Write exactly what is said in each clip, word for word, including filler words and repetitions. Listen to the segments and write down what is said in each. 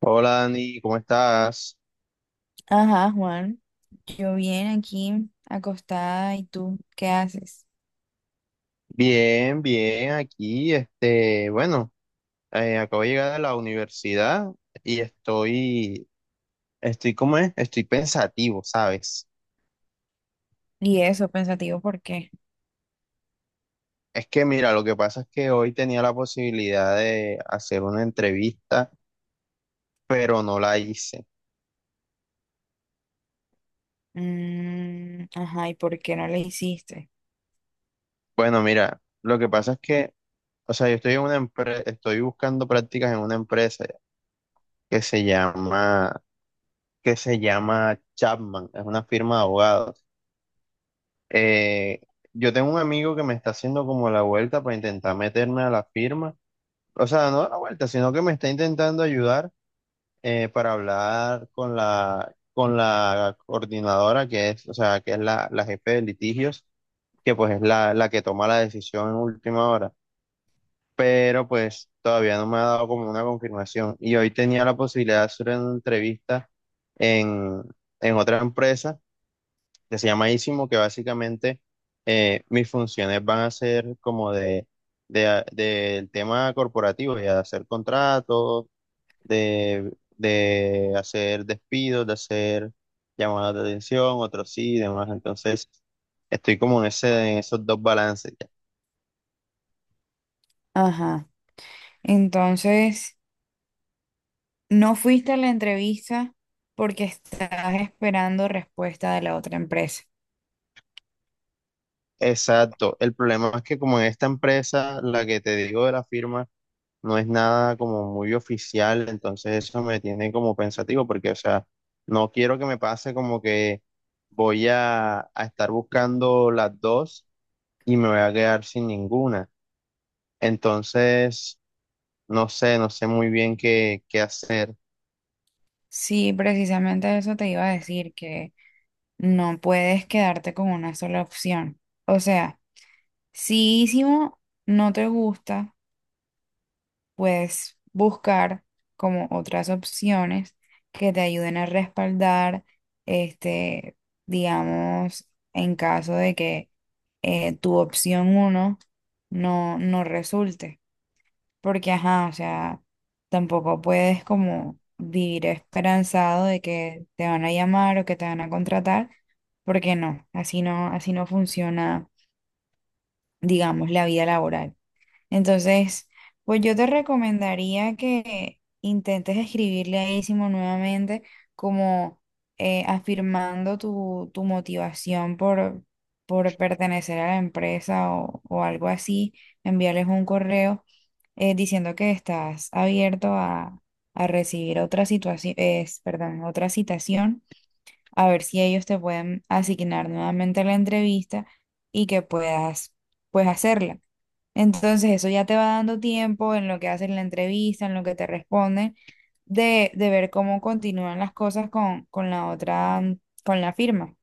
Hola Dani, ¿cómo estás? Ajá, Juan. Yo bien aquí, acostada, ¿y tú qué haces? Bien, bien, aquí, este, bueno, eh, acabo de llegar a la universidad y estoy, estoy, ¿cómo es? Estoy pensativo, ¿sabes? Y eso, pensativo, ¿por qué? Es que mira, lo que pasa es que hoy tenía la posibilidad de hacer una entrevista, pero no la hice. Mm, ajá, ¿y por qué no le hiciste? Bueno, mira, lo que pasa es que, o sea, yo estoy en una empresa, estoy buscando prácticas en una empresa que se llama, que se llama Chapman, es una firma de abogados. Eh, yo tengo un amigo que me está haciendo como la vuelta para intentar meterme a la firma. O sea, no a la vuelta, sino que me está intentando ayudar eh, para hablar con la, con la coordinadora que es, o sea, que es la, la jefe de litigios, que pues es la, la que toma la decisión en última hora. Pero pues todavía no me ha dado como una confirmación. Y hoy tenía la posibilidad de hacer una entrevista en, en otra empresa que se llama Isimo, que básicamente eh, mis funciones van a ser como de, de, a- del tema corporativo, ya de hacer contratos, de, de hacer despidos, de hacer llamadas de atención, otros sí y demás. Entonces, estoy como en ese, en esos dos balances. Ya. Ajá. Entonces, no fuiste a la entrevista porque estás esperando respuesta de la otra empresa. Exacto. El problema es que como en esta empresa, la que te digo de la firma, no es nada como muy oficial, entonces eso me tiene como pensativo porque, o sea, no quiero que me pase como que voy a, a estar buscando las dos y me voy a quedar sin ninguna. Entonces, no sé, no sé muy bien qué, qué hacer. Sí, precisamente eso te iba a decir, que no puedes quedarte con una sola opción. O sea, si Ísimo no te gusta, puedes buscar como otras opciones que te ayuden a respaldar, este, digamos, en caso de que eh, tu opción uno no, no resulte. Porque, ajá, o sea, tampoco puedes como vivir esperanzado de que te van a llamar o que te van a contratar, porque no, así no, así no funciona, digamos, la vida laboral. Entonces, pues yo te recomendaría que intentes escribirle a Isimo nuevamente, como eh, afirmando tu, tu motivación por, por pertenecer a la empresa o, o algo así, enviarles un correo eh, diciendo que estás abierto a, a recibir otra situación, es, perdón, otra citación, a ver si ellos te pueden asignar nuevamente la entrevista y que puedas, pues, hacerla. Entonces eso ya te va dando tiempo en lo que hacen la entrevista, en lo que te responden, de, de ver cómo continúan las cosas con, con la otra, mm, con la firma.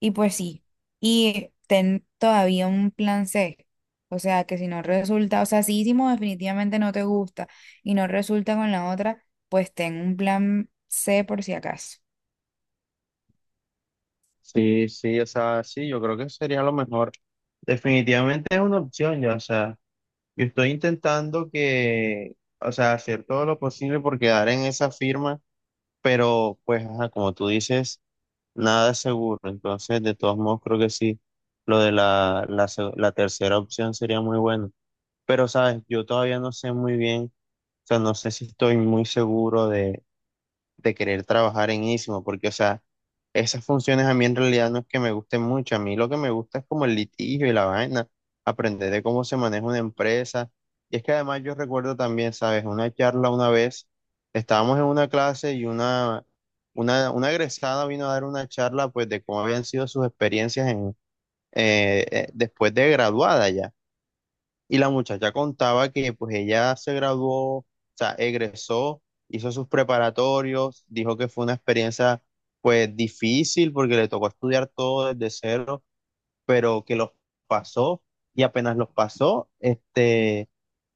Y pues sí, y ten todavía un plan C. O sea, que si no resulta, o sea, si hicimos definitivamente no te gusta y no resulta con la otra, pues ten un plan C por si acaso. Sí, sí, o sea, sí, yo creo que sería lo mejor. Definitivamente es una opción ya, o sea, yo estoy intentando que, o sea, hacer todo lo posible por quedar en esa firma, pero pues, ajá, como tú dices. Nada es seguro, entonces de todos modos creo que sí, lo de la, la, se- la tercera opción sería muy bueno. Pero sabes, yo todavía no sé muy bien, o sea, no sé si estoy muy seguro de querer trabajar en ISMO, porque, o sea, esas funciones a mí en realidad no es que me gusten mucho, a mí lo que me gusta es como el litigio y la vaina, aprender de cómo se maneja una empresa. Y es que además yo recuerdo también, ¿sabes? Una charla una vez, estábamos en una clase y una, una, una egresada vino a dar una charla pues de cómo habían sido sus experiencias en, eh, eh, después de graduada ya. Y la muchacha contaba que pues ella se graduó, o sea, egresó, hizo sus preparatorios, dijo que fue una experiencia pues difícil porque le tocó estudiar todo desde cero, pero que los pasó y apenas los pasó, este,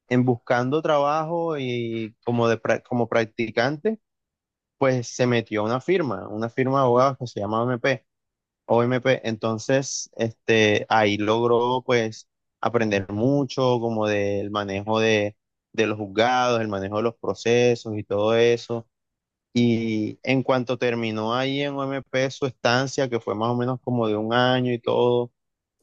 en buscando trabajo y como, de, pra- como practicante, pues se metió a una firma, una firma de abogados que se llama O M P o M P. entonces, este, ahí logró pues aprender mucho como del manejo de, de los juzgados, el manejo de los procesos y todo eso. Y en cuanto terminó ahí en O M P su estancia, que fue más o menos como de un año y todo,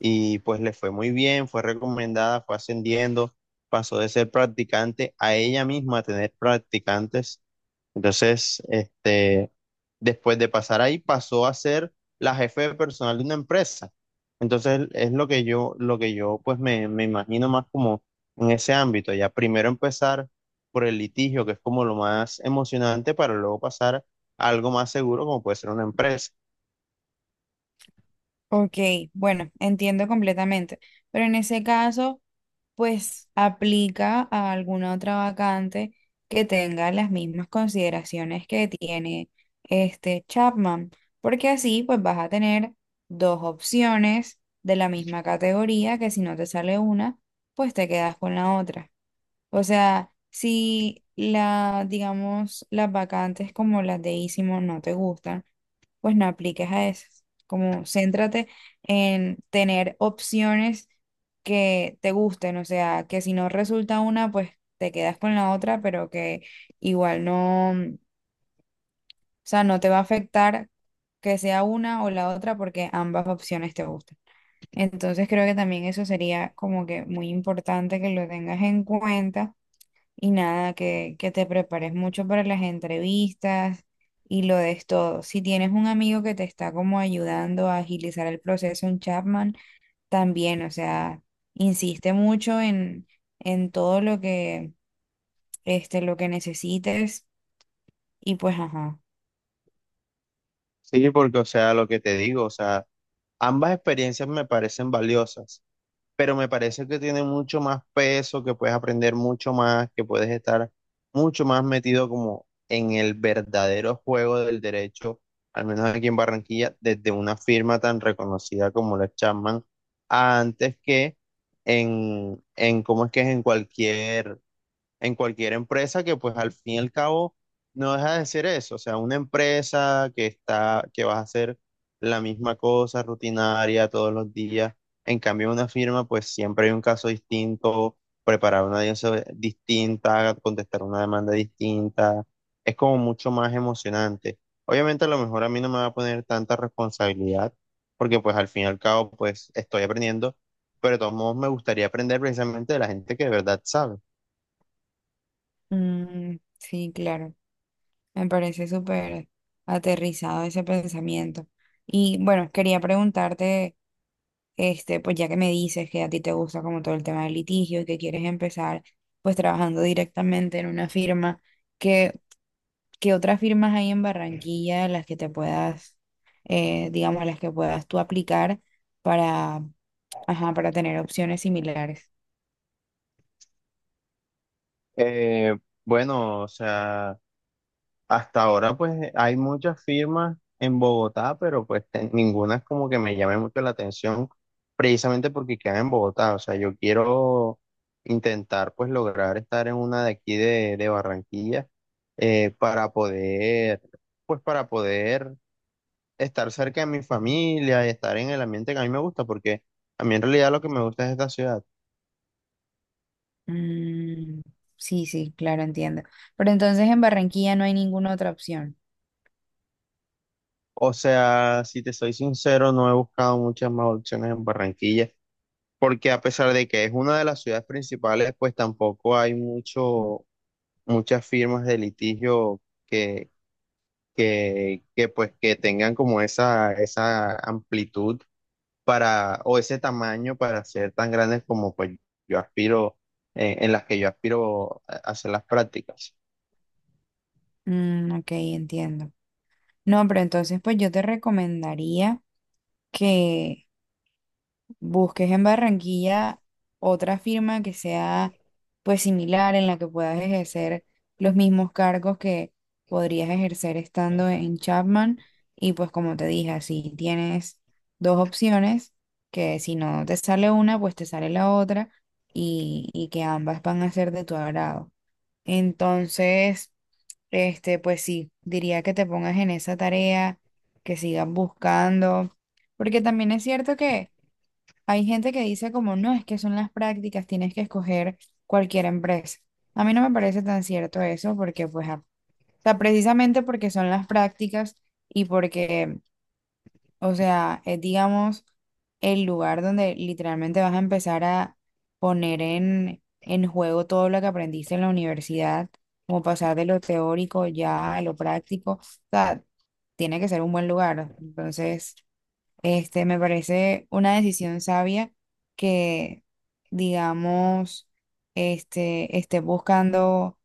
y pues le fue muy bien, fue recomendada, fue ascendiendo, pasó de ser practicante a ella misma a tener practicantes entonces, este, después de pasar ahí, pasó a ser la jefe de personal de una empresa. Entonces, es lo que yo, lo que yo pues me, me imagino más como en ese ámbito. Ya primero empezar por el litigio, que es como lo más emocionante, para luego pasar a algo más seguro, como puede ser una empresa. Ok, bueno, entiendo completamente. Pero en ese caso, pues aplica a alguna otra vacante que tenga las mismas consideraciones que tiene este Chapman, porque así pues vas a tener dos opciones de la misma categoría que si no te sale una, pues te quedas con la otra. O sea, si la, digamos, las vacantes como las de Isimo no te gustan, pues no apliques a esas. Como céntrate en tener opciones que te gusten, o sea, que si no resulta una, pues te quedas con la otra, pero que igual no, mm, o sea, no te va a afectar que sea una o la otra porque ambas opciones te gustan. Entonces creo que también eso sería como que muy importante que lo tengas en cuenta y nada, que, que te prepares mucho para las entrevistas y lo des todo. Si tienes un amigo que te está como ayudando a agilizar el proceso, un Chapman, también, o sea, insiste mucho en, en todo lo que, este, lo que necesites y pues, ajá. Sí, porque, o sea, lo que te digo, o sea, ambas experiencias me parecen valiosas. Pero me parece que tiene mucho más peso, que puedes aprender mucho más, que puedes estar mucho más metido como en el verdadero juego del derecho, al menos aquí en Barranquilla, desde una firma tan reconocida como la Chapman, antes que en, en cómo es que es en cualquier en cualquier empresa que pues al fin y al cabo no deja de ser eso, o sea, una empresa que está, que vas a hacer la misma cosa rutinaria todos los días, en cambio en una firma pues siempre hay un caso distinto, preparar una audiencia distinta, contestar una demanda distinta, es como mucho más emocionante. Obviamente a lo mejor a mí no me va a poner tanta responsabilidad, porque pues al fin y al cabo pues estoy aprendiendo, pero de todos modos me gustaría aprender precisamente de la gente que de verdad sabe. Mm, sí, claro, me parece súper aterrizado ese pensamiento. Y bueno, quería preguntarte. Este, pues ya que me dices que a ti te gusta como todo el tema del litigio y que quieres empezar pues trabajando directamente en una firma, ¿qué, qué otras firmas hay en Barranquilla en las que te puedas, eh, digamos, a las que puedas tú aplicar para, ajá, para tener opciones similares? Eh, bueno, o sea, hasta ahora pues hay muchas firmas en Bogotá, pero pues te- ninguna es como que me llame mucho la atención, precisamente porque quedan en Bogotá. O sea, yo quiero intentar pues lograr estar en una de aquí de, de Barranquilla eh, para poder, pues para poder estar cerca de mi familia y estar en el ambiente que a mí me gusta, porque a mí en realidad lo que me gusta es esta ciudad. Mm, sí, sí, claro, entiendo. Pero entonces en Barranquilla no hay ninguna otra opción. O sea, si te soy sincero, no he buscado muchas más opciones en Barranquilla, porque a pesar de que es una de las ciudades principales, pues tampoco hay mucho, muchas firmas de litigio que, que, que pues que tengan como esa, esa amplitud para, o ese tamaño para ser tan grandes como pues yo aspiro, eh, en las que yo aspiro a hacer las prácticas. Mm, ok, entiendo. No, pero entonces pues yo te recomendaría que busques en Barranquilla otra firma que sea pues similar en la que puedas ejercer los mismos cargos que podrías ejercer estando en Chapman y pues como te dije, así tienes dos opciones que si no te sale una, pues te sale la otra y, y que ambas van a ser de tu agrado. Entonces, este, pues sí, diría que te pongas en esa tarea, que sigas buscando, porque también es cierto que hay gente que dice como, no, es que son las prácticas, tienes que escoger cualquier empresa. A mí no me parece tan cierto eso porque, pues, ah, o sea, precisamente porque son las prácticas y porque, o sea, es, digamos, el lugar donde literalmente vas a empezar a poner en, en juego todo lo que aprendiste en la universidad, como pasar de lo teórico ya a lo práctico. O sea, tiene que ser un buen lugar. Entonces, este, me parece una decisión sabia que, digamos, este, esté buscando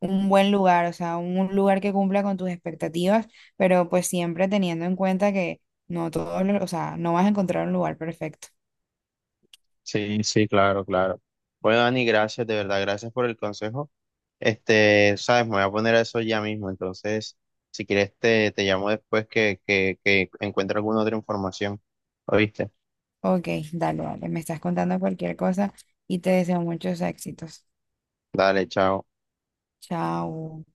un buen lugar, o sea, un un lugar que cumpla con tus expectativas, pero pues siempre teniendo en cuenta que no todo, o sea, no vas a encontrar un lugar perfecto. Sí, sí, claro, claro. Bueno, Dani, gracias, de verdad, gracias por el consejo. Este, sabes, me voy a poner a eso ya mismo. Entonces, si quieres, te, te llamo después que, que, que encuentre alguna otra información. ¿Oíste? Ok, dale, dale, me estás contando cualquier cosa y te deseo muchos éxitos. Dale, chao. Chao.